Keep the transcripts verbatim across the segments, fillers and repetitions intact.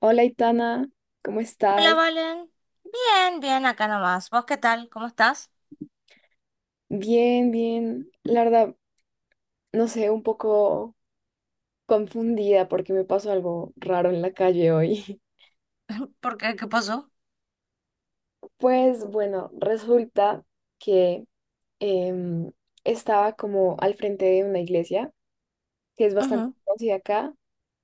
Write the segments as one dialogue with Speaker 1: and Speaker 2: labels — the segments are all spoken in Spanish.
Speaker 1: Hola, Itana, ¿cómo
Speaker 2: Hola,
Speaker 1: estás?
Speaker 2: Valen. Bien, bien, acá nomás. ¿Vos qué tal? ¿Cómo estás?
Speaker 1: Bien, bien. La verdad, no sé, un poco confundida porque me pasó algo raro en la calle hoy.
Speaker 2: ¿Por qué? ¿Qué pasó?
Speaker 1: Pues bueno, resulta que em, estaba como al frente de una iglesia que es bastante
Speaker 2: Ujú,
Speaker 1: conocida acá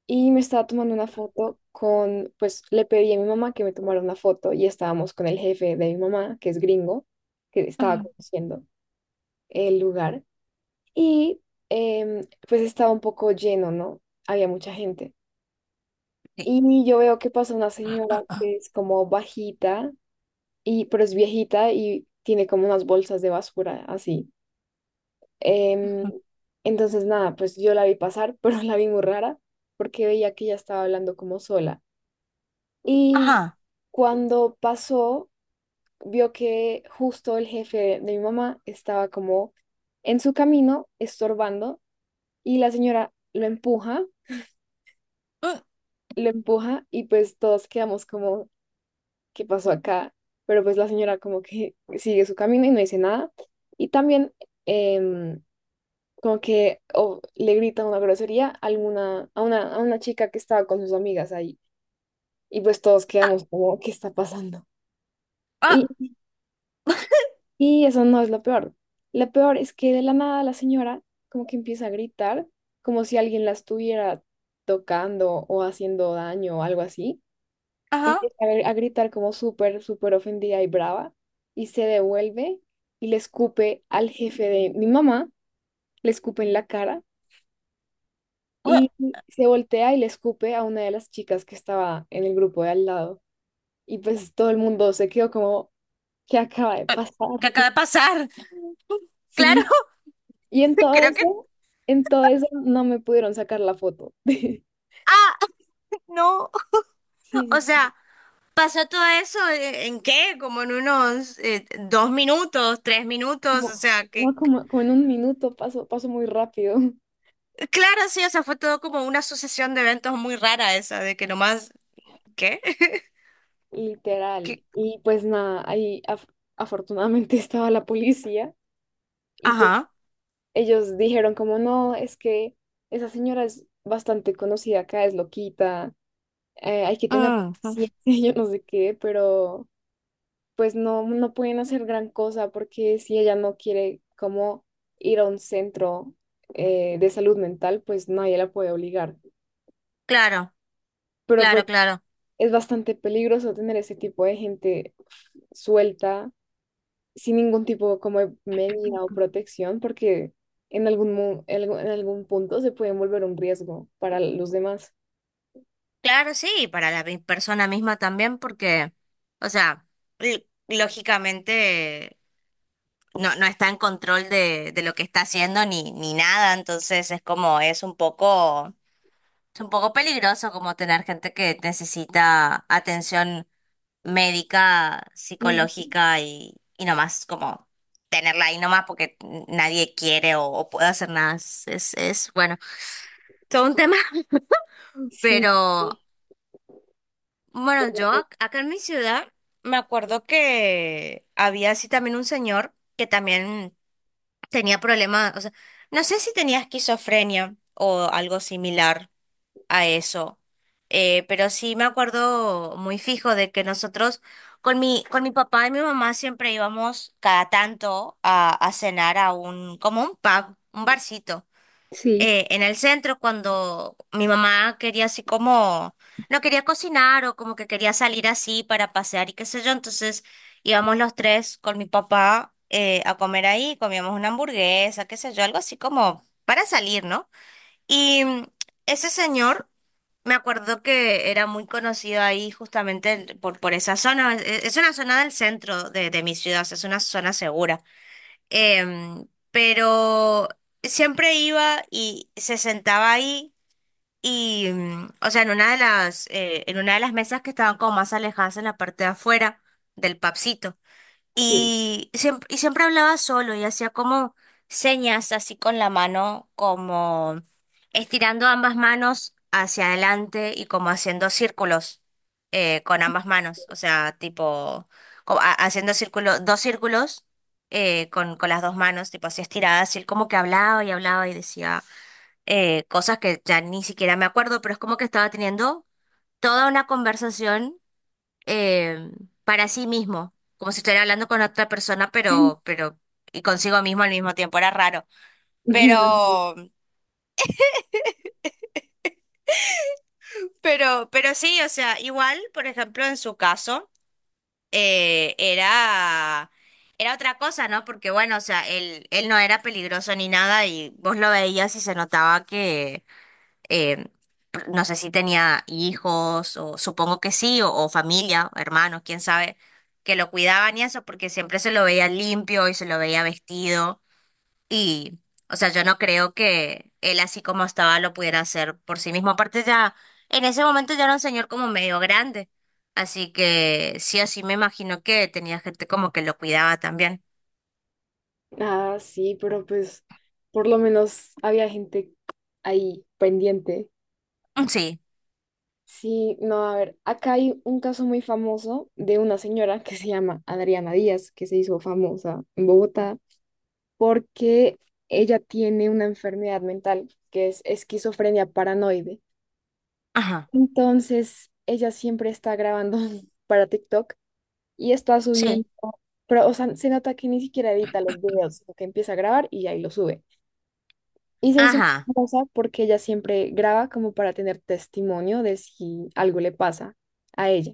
Speaker 1: y me estaba tomando una foto con, pues le pedí a mi mamá que me tomara una foto y estábamos con el jefe de mi mamá, que es gringo, que estaba
Speaker 2: ujú,
Speaker 1: conociendo el lugar. Y em, pues estaba un poco lleno, ¿no? Había mucha gente.
Speaker 2: sí,
Speaker 1: Y yo veo que pasa una señora que es como bajita, y, pero es viejita y tiene como unas bolsas de basura así. Em,
Speaker 2: ujú.
Speaker 1: entonces, nada, pues yo la vi pasar, pero la vi muy rara porque veía que ella estaba hablando como sola. Y
Speaker 2: Ajá.
Speaker 1: cuando pasó, vio que justo el jefe de mi mamá estaba como en su camino, estorbando, y la señora lo empuja
Speaker 2: Mm,
Speaker 1: lo empuja y pues todos quedamos como, ¿qué pasó acá? Pero pues la señora como que sigue su camino y no dice nada. Y también em, como que o le grita una grosería a, alguna, a, una, a una chica que estaba con sus amigas ahí. Y pues todos
Speaker 2: ah,
Speaker 1: quedamos como, ¿qué está pasando?
Speaker 2: ah,
Speaker 1: Y, y eso no es lo peor. Lo peor es que de la nada la señora como que empieza a gritar, como si alguien la estuviera tocando o haciendo daño o algo así.
Speaker 2: ajá.
Speaker 1: Empieza a gr- a gritar como súper, súper ofendida y brava, y se devuelve y le escupe al jefe de mi mamá, le escupe en la cara,
Speaker 2: Ue,
Speaker 1: y se voltea y le escupe a una de las chicas que estaba en el grupo de al lado. Y pues todo el mundo se quedó como, ¿qué acaba de
Speaker 2: eh,
Speaker 1: pasar?
Speaker 2: ¿qué acaba de pasar? Claro,
Speaker 1: Sí, y en todo
Speaker 2: creo que...
Speaker 1: eso, en todo eso no me pudieron sacar la foto.
Speaker 2: Ah, no.
Speaker 1: Sí,
Speaker 2: O
Speaker 1: sí, sí.
Speaker 2: sea, pasó todo eso eh, ¿en qué? Como en unos eh, dos minutos, tres minutos. O
Speaker 1: Como,
Speaker 2: sea,
Speaker 1: no,
Speaker 2: que...
Speaker 1: como, como en un minuto pasó, pasó muy rápido.
Speaker 2: Claro, sí, o sea, fue todo como una sucesión de eventos muy rara esa, de que nomás... ¿Qué? ¿Qué?
Speaker 1: Literal. Y pues nada, ahí af- afortunadamente estaba la policía y pues
Speaker 2: Ajá.
Speaker 1: ellos dijeron como no, es que esa señora es bastante conocida acá, es loquita, eh, hay que tener
Speaker 2: Mm, ujú.
Speaker 1: paciencia, yo no sé qué, pero pues no, no pueden hacer gran cosa porque si ella no quiere como ir a un centro eh, de salud mental, pues nadie la puede obligar.
Speaker 2: Claro.
Speaker 1: Pero pues
Speaker 2: Claro, claro.
Speaker 1: es bastante peligroso tener ese tipo de gente suelta sin ningún tipo como de medida o protección, porque en algún, mo- en algún en algún punto se pueden volver un riesgo para los demás.
Speaker 2: Claro, sí, y para la mi- persona misma también, porque, o sea, l- lógicamente no, no está en control de, de lo que está haciendo ni, ni nada, entonces es como, es un poco, es un poco peligroso como tener gente que necesita atención médica,
Speaker 1: Ujú.
Speaker 2: psicológica y, y nomás como tenerla ahí nomás porque nadie quiere o, o puede hacer nada. Es, es, es, bueno, todo un tema,
Speaker 1: Sí,
Speaker 2: pero.
Speaker 1: sí,
Speaker 2: Bueno, yo ac- acá en mi ciudad me acuerdo que había así también un señor que también tenía problemas, o sea, no sé si tenía esquizofrenia o algo similar a eso, eh, pero sí me acuerdo muy fijo de que nosotros con mi, con mi papá y mi mamá siempre íbamos cada tanto a, a cenar a un, como un pub, un barcito
Speaker 1: sí.
Speaker 2: eh, en el centro cuando mi mamá quería así como, no quería cocinar o como que quería salir así para pasear y qué sé yo, entonces íbamos los tres con mi papá eh, a comer ahí, comíamos una hamburguesa, qué sé yo, algo así como para salir, ¿no? Y mm, ese señor... Me acuerdo que era muy conocido ahí justamente el- por, por esa zona. Es, es una zona del centro de, de mi ciudad, o sea, es una zona segura. Em, pero siempre iba y se sentaba ahí y, mm, o sea, en una de las, eh, en una de las mesas que estaban como más alejadas en la parte de afuera del papsito.
Speaker 1: Sí,
Speaker 2: Y siempre, y siempre hablaba solo y hacía como señas así con la mano, como estirando ambas manos hacia adelante y como haciendo círculos eh, con ambas manos. O sea, tipo, co- ha- haciendo círculo, dos círculos eh, con, con las dos manos, tipo así estiradas. Y él como que hablaba y hablaba y decía eh, cosas que ya ni siquiera me acuerdo, pero es como que estaba teniendo toda una conversación eh, para sí mismo, como si estuviera hablando con otra persona, pero, pero, y consigo mismo al mismo tiempo, era raro.
Speaker 1: me imagino.
Speaker 2: Pero, pero, pero sí, o sea, igual, por ejemplo, en su caso, eh, era, era otra cosa, ¿no? Porque bueno, o sea, él, él no era peligroso ni nada y vos lo veías y se notaba que eh, no sé si tenía hijos, o supongo que sí, o, o familia, o hermanos, quién sabe, que lo cuidaban y eso, porque siempre se lo veía limpio y se lo veía vestido. Y, o sea, yo no creo que él así como estaba lo pudiera hacer por sí mismo. Aparte ya, en ese momento ya era un señor como medio grande. Así que sí o sí me imagino que tenía gente como que lo cuidaba también.
Speaker 1: Ah, sí, pero pues por lo menos había gente ahí pendiente.
Speaker 2: Sí,
Speaker 1: Sí, no, a ver, acá hay un caso muy famoso de una señora que se llama Adriana Díaz, que se hizo famosa en Bogotá porque ella tiene una enfermedad mental que es esquizofrenia paranoide.
Speaker 2: ajá,
Speaker 1: Entonces, ella siempre está grabando para TikTok y está subiendo,
Speaker 2: sí,
Speaker 1: pero o sea, se nota que ni siquiera edita los videos, sino que empieza a grabar y ahí lo sube. Y se hizo
Speaker 2: ajá,
Speaker 1: muy famosa porque ella siempre graba como para tener testimonio de si algo le pasa a ella.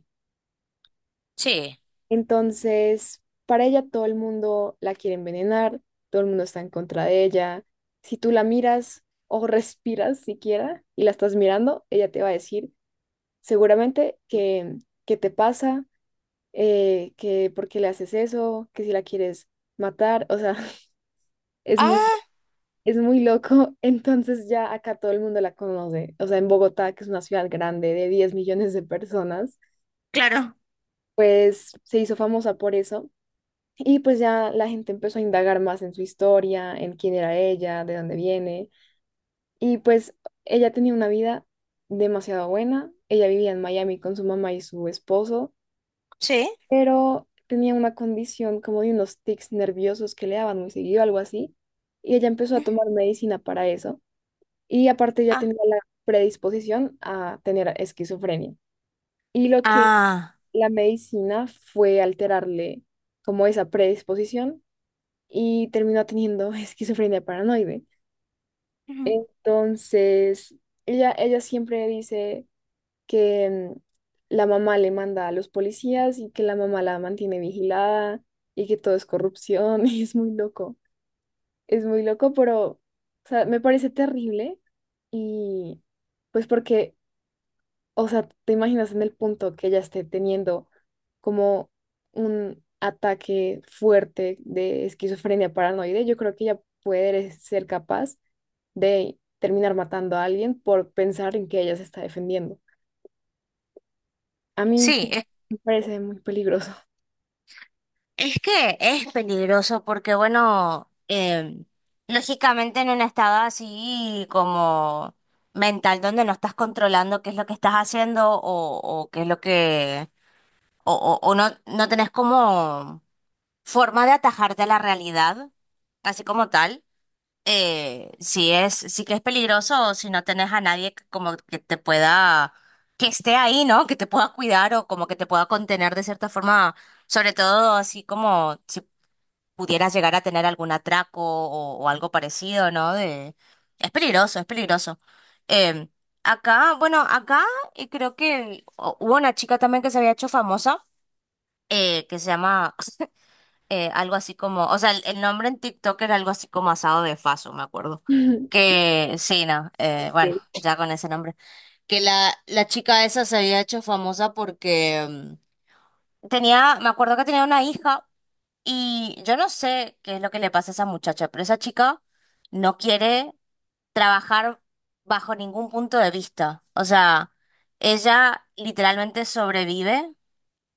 Speaker 2: sí.
Speaker 1: Entonces, para ella todo el mundo la quiere envenenar, todo el mundo está en contra de ella. Si tú la miras o respiras siquiera y la estás mirando, ella te va a decir seguramente que, que te pasa, eh, que por qué le haces eso, que si la quieres matar, o sea, es muy,
Speaker 2: Ah,
Speaker 1: es muy loco. Entonces ya acá todo el mundo la conoce. O sea, en Bogotá, que es una ciudad grande de diez millones de personas,
Speaker 2: claro,
Speaker 1: pues se hizo famosa por eso. Y pues ya la gente empezó a indagar más en su historia, en quién era ella, de dónde viene. Y pues ella tenía una vida demasiado buena. Ella vivía en Miami con su mamá y su esposo,
Speaker 2: sí.
Speaker 1: pero tenía una condición como de unos tics nerviosos que le daban muy seguido, algo así. Y ella empezó a tomar medicina para eso. Y aparte ya tenía la predisposición a tener esquizofrenia. Y lo que
Speaker 2: Ah,
Speaker 1: la medicina fue alterarle como esa predisposición y terminó teniendo esquizofrenia paranoide.
Speaker 2: ujú,
Speaker 1: Entonces, ella, ella siempre dice que mm, la mamá le manda a los policías y que la mamá la mantiene vigilada y que todo es corrupción y es muy loco. Es muy loco, pero o sea, me parece terrible y pues porque o sea, ¿te imaginas en el punto que ella esté teniendo como un ataque fuerte de esquizofrenia paranoide? Yo creo que ella puede ser capaz de terminar matando a alguien por pensar en que ella se está defendiendo. A mí
Speaker 2: sí, es,
Speaker 1: me parece muy peligroso.
Speaker 2: es que es peligroso porque, bueno, em, lógicamente en un estado así como mental donde no estás controlando qué es lo que estás haciendo o, o qué es lo que, o, o, o no, no tenés como forma de atajarte a la realidad, así como tal. eh, sí es, sí que es peligroso si no tenés a nadie que como que te pueda, que esté ahí, ¿no? Que te pueda cuidar o como que te pueda contener de cierta forma, sobre todo así como si pudieras llegar a tener algún atraco o, o algo parecido, ¿no? De, es peligroso, es peligroso. Em, acá, bueno, acá eh, creo que o- hubo una chica también que se había hecho famosa, eh, que se llama, eh, algo así como, o sea, el, el nombre en TikTok era algo así como asado de faso, me acuerdo. Que sí, no, eh, bueno,
Speaker 1: Ok,
Speaker 2: ya con ese nombre. Que la, la chica esa se había hecho famosa porque mm, tenía, me acuerdo que tenía una hija y yo no sé qué es lo que le pasa a esa muchacha, pero esa chica no quiere trabajar bajo ningún punto de vista. O sea, ella literalmente sobrevive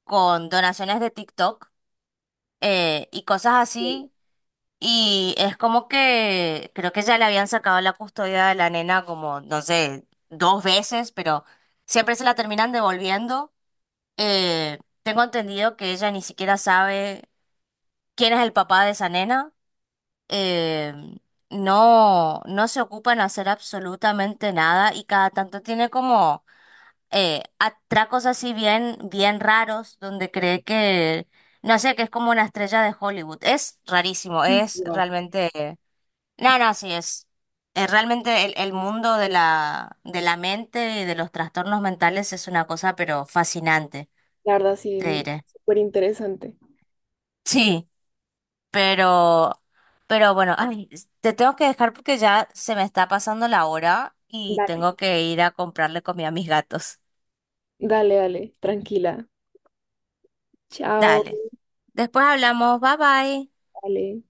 Speaker 2: con donaciones de TikTok eh, y cosas
Speaker 1: ok,
Speaker 2: así y es como que creo que ya le habían sacado la custodia de la nena como, no sé, dos veces, pero siempre se la terminan devolviendo. Eh, tengo entendido que ella ni siquiera sabe quién es el papá de esa nena. Eh, no, no se ocupan en hacer absolutamente nada y cada tanto tiene como eh, atracos así bien, bien raros donde cree que, no sé, que es como una estrella de Hollywood. Es rarísimo, es
Speaker 1: wow.
Speaker 2: realmente... No, no, sí es. eh, realmente el, el mundo de la, de la mente y de los trastornos mentales es una cosa, pero fascinante,
Speaker 1: La verdad, sí,
Speaker 2: te diré.
Speaker 1: súper interesante.
Speaker 2: Sí, pero, pero bueno, ay, s- te tengo que dejar porque ya se me está pasando la hora y
Speaker 1: Dale.
Speaker 2: tengo que ir a comprarle comida a mis gatos.
Speaker 1: Dale, dale, tranquila. Chao,
Speaker 2: Dale. Después hablamos. Bye bye.
Speaker 1: dale.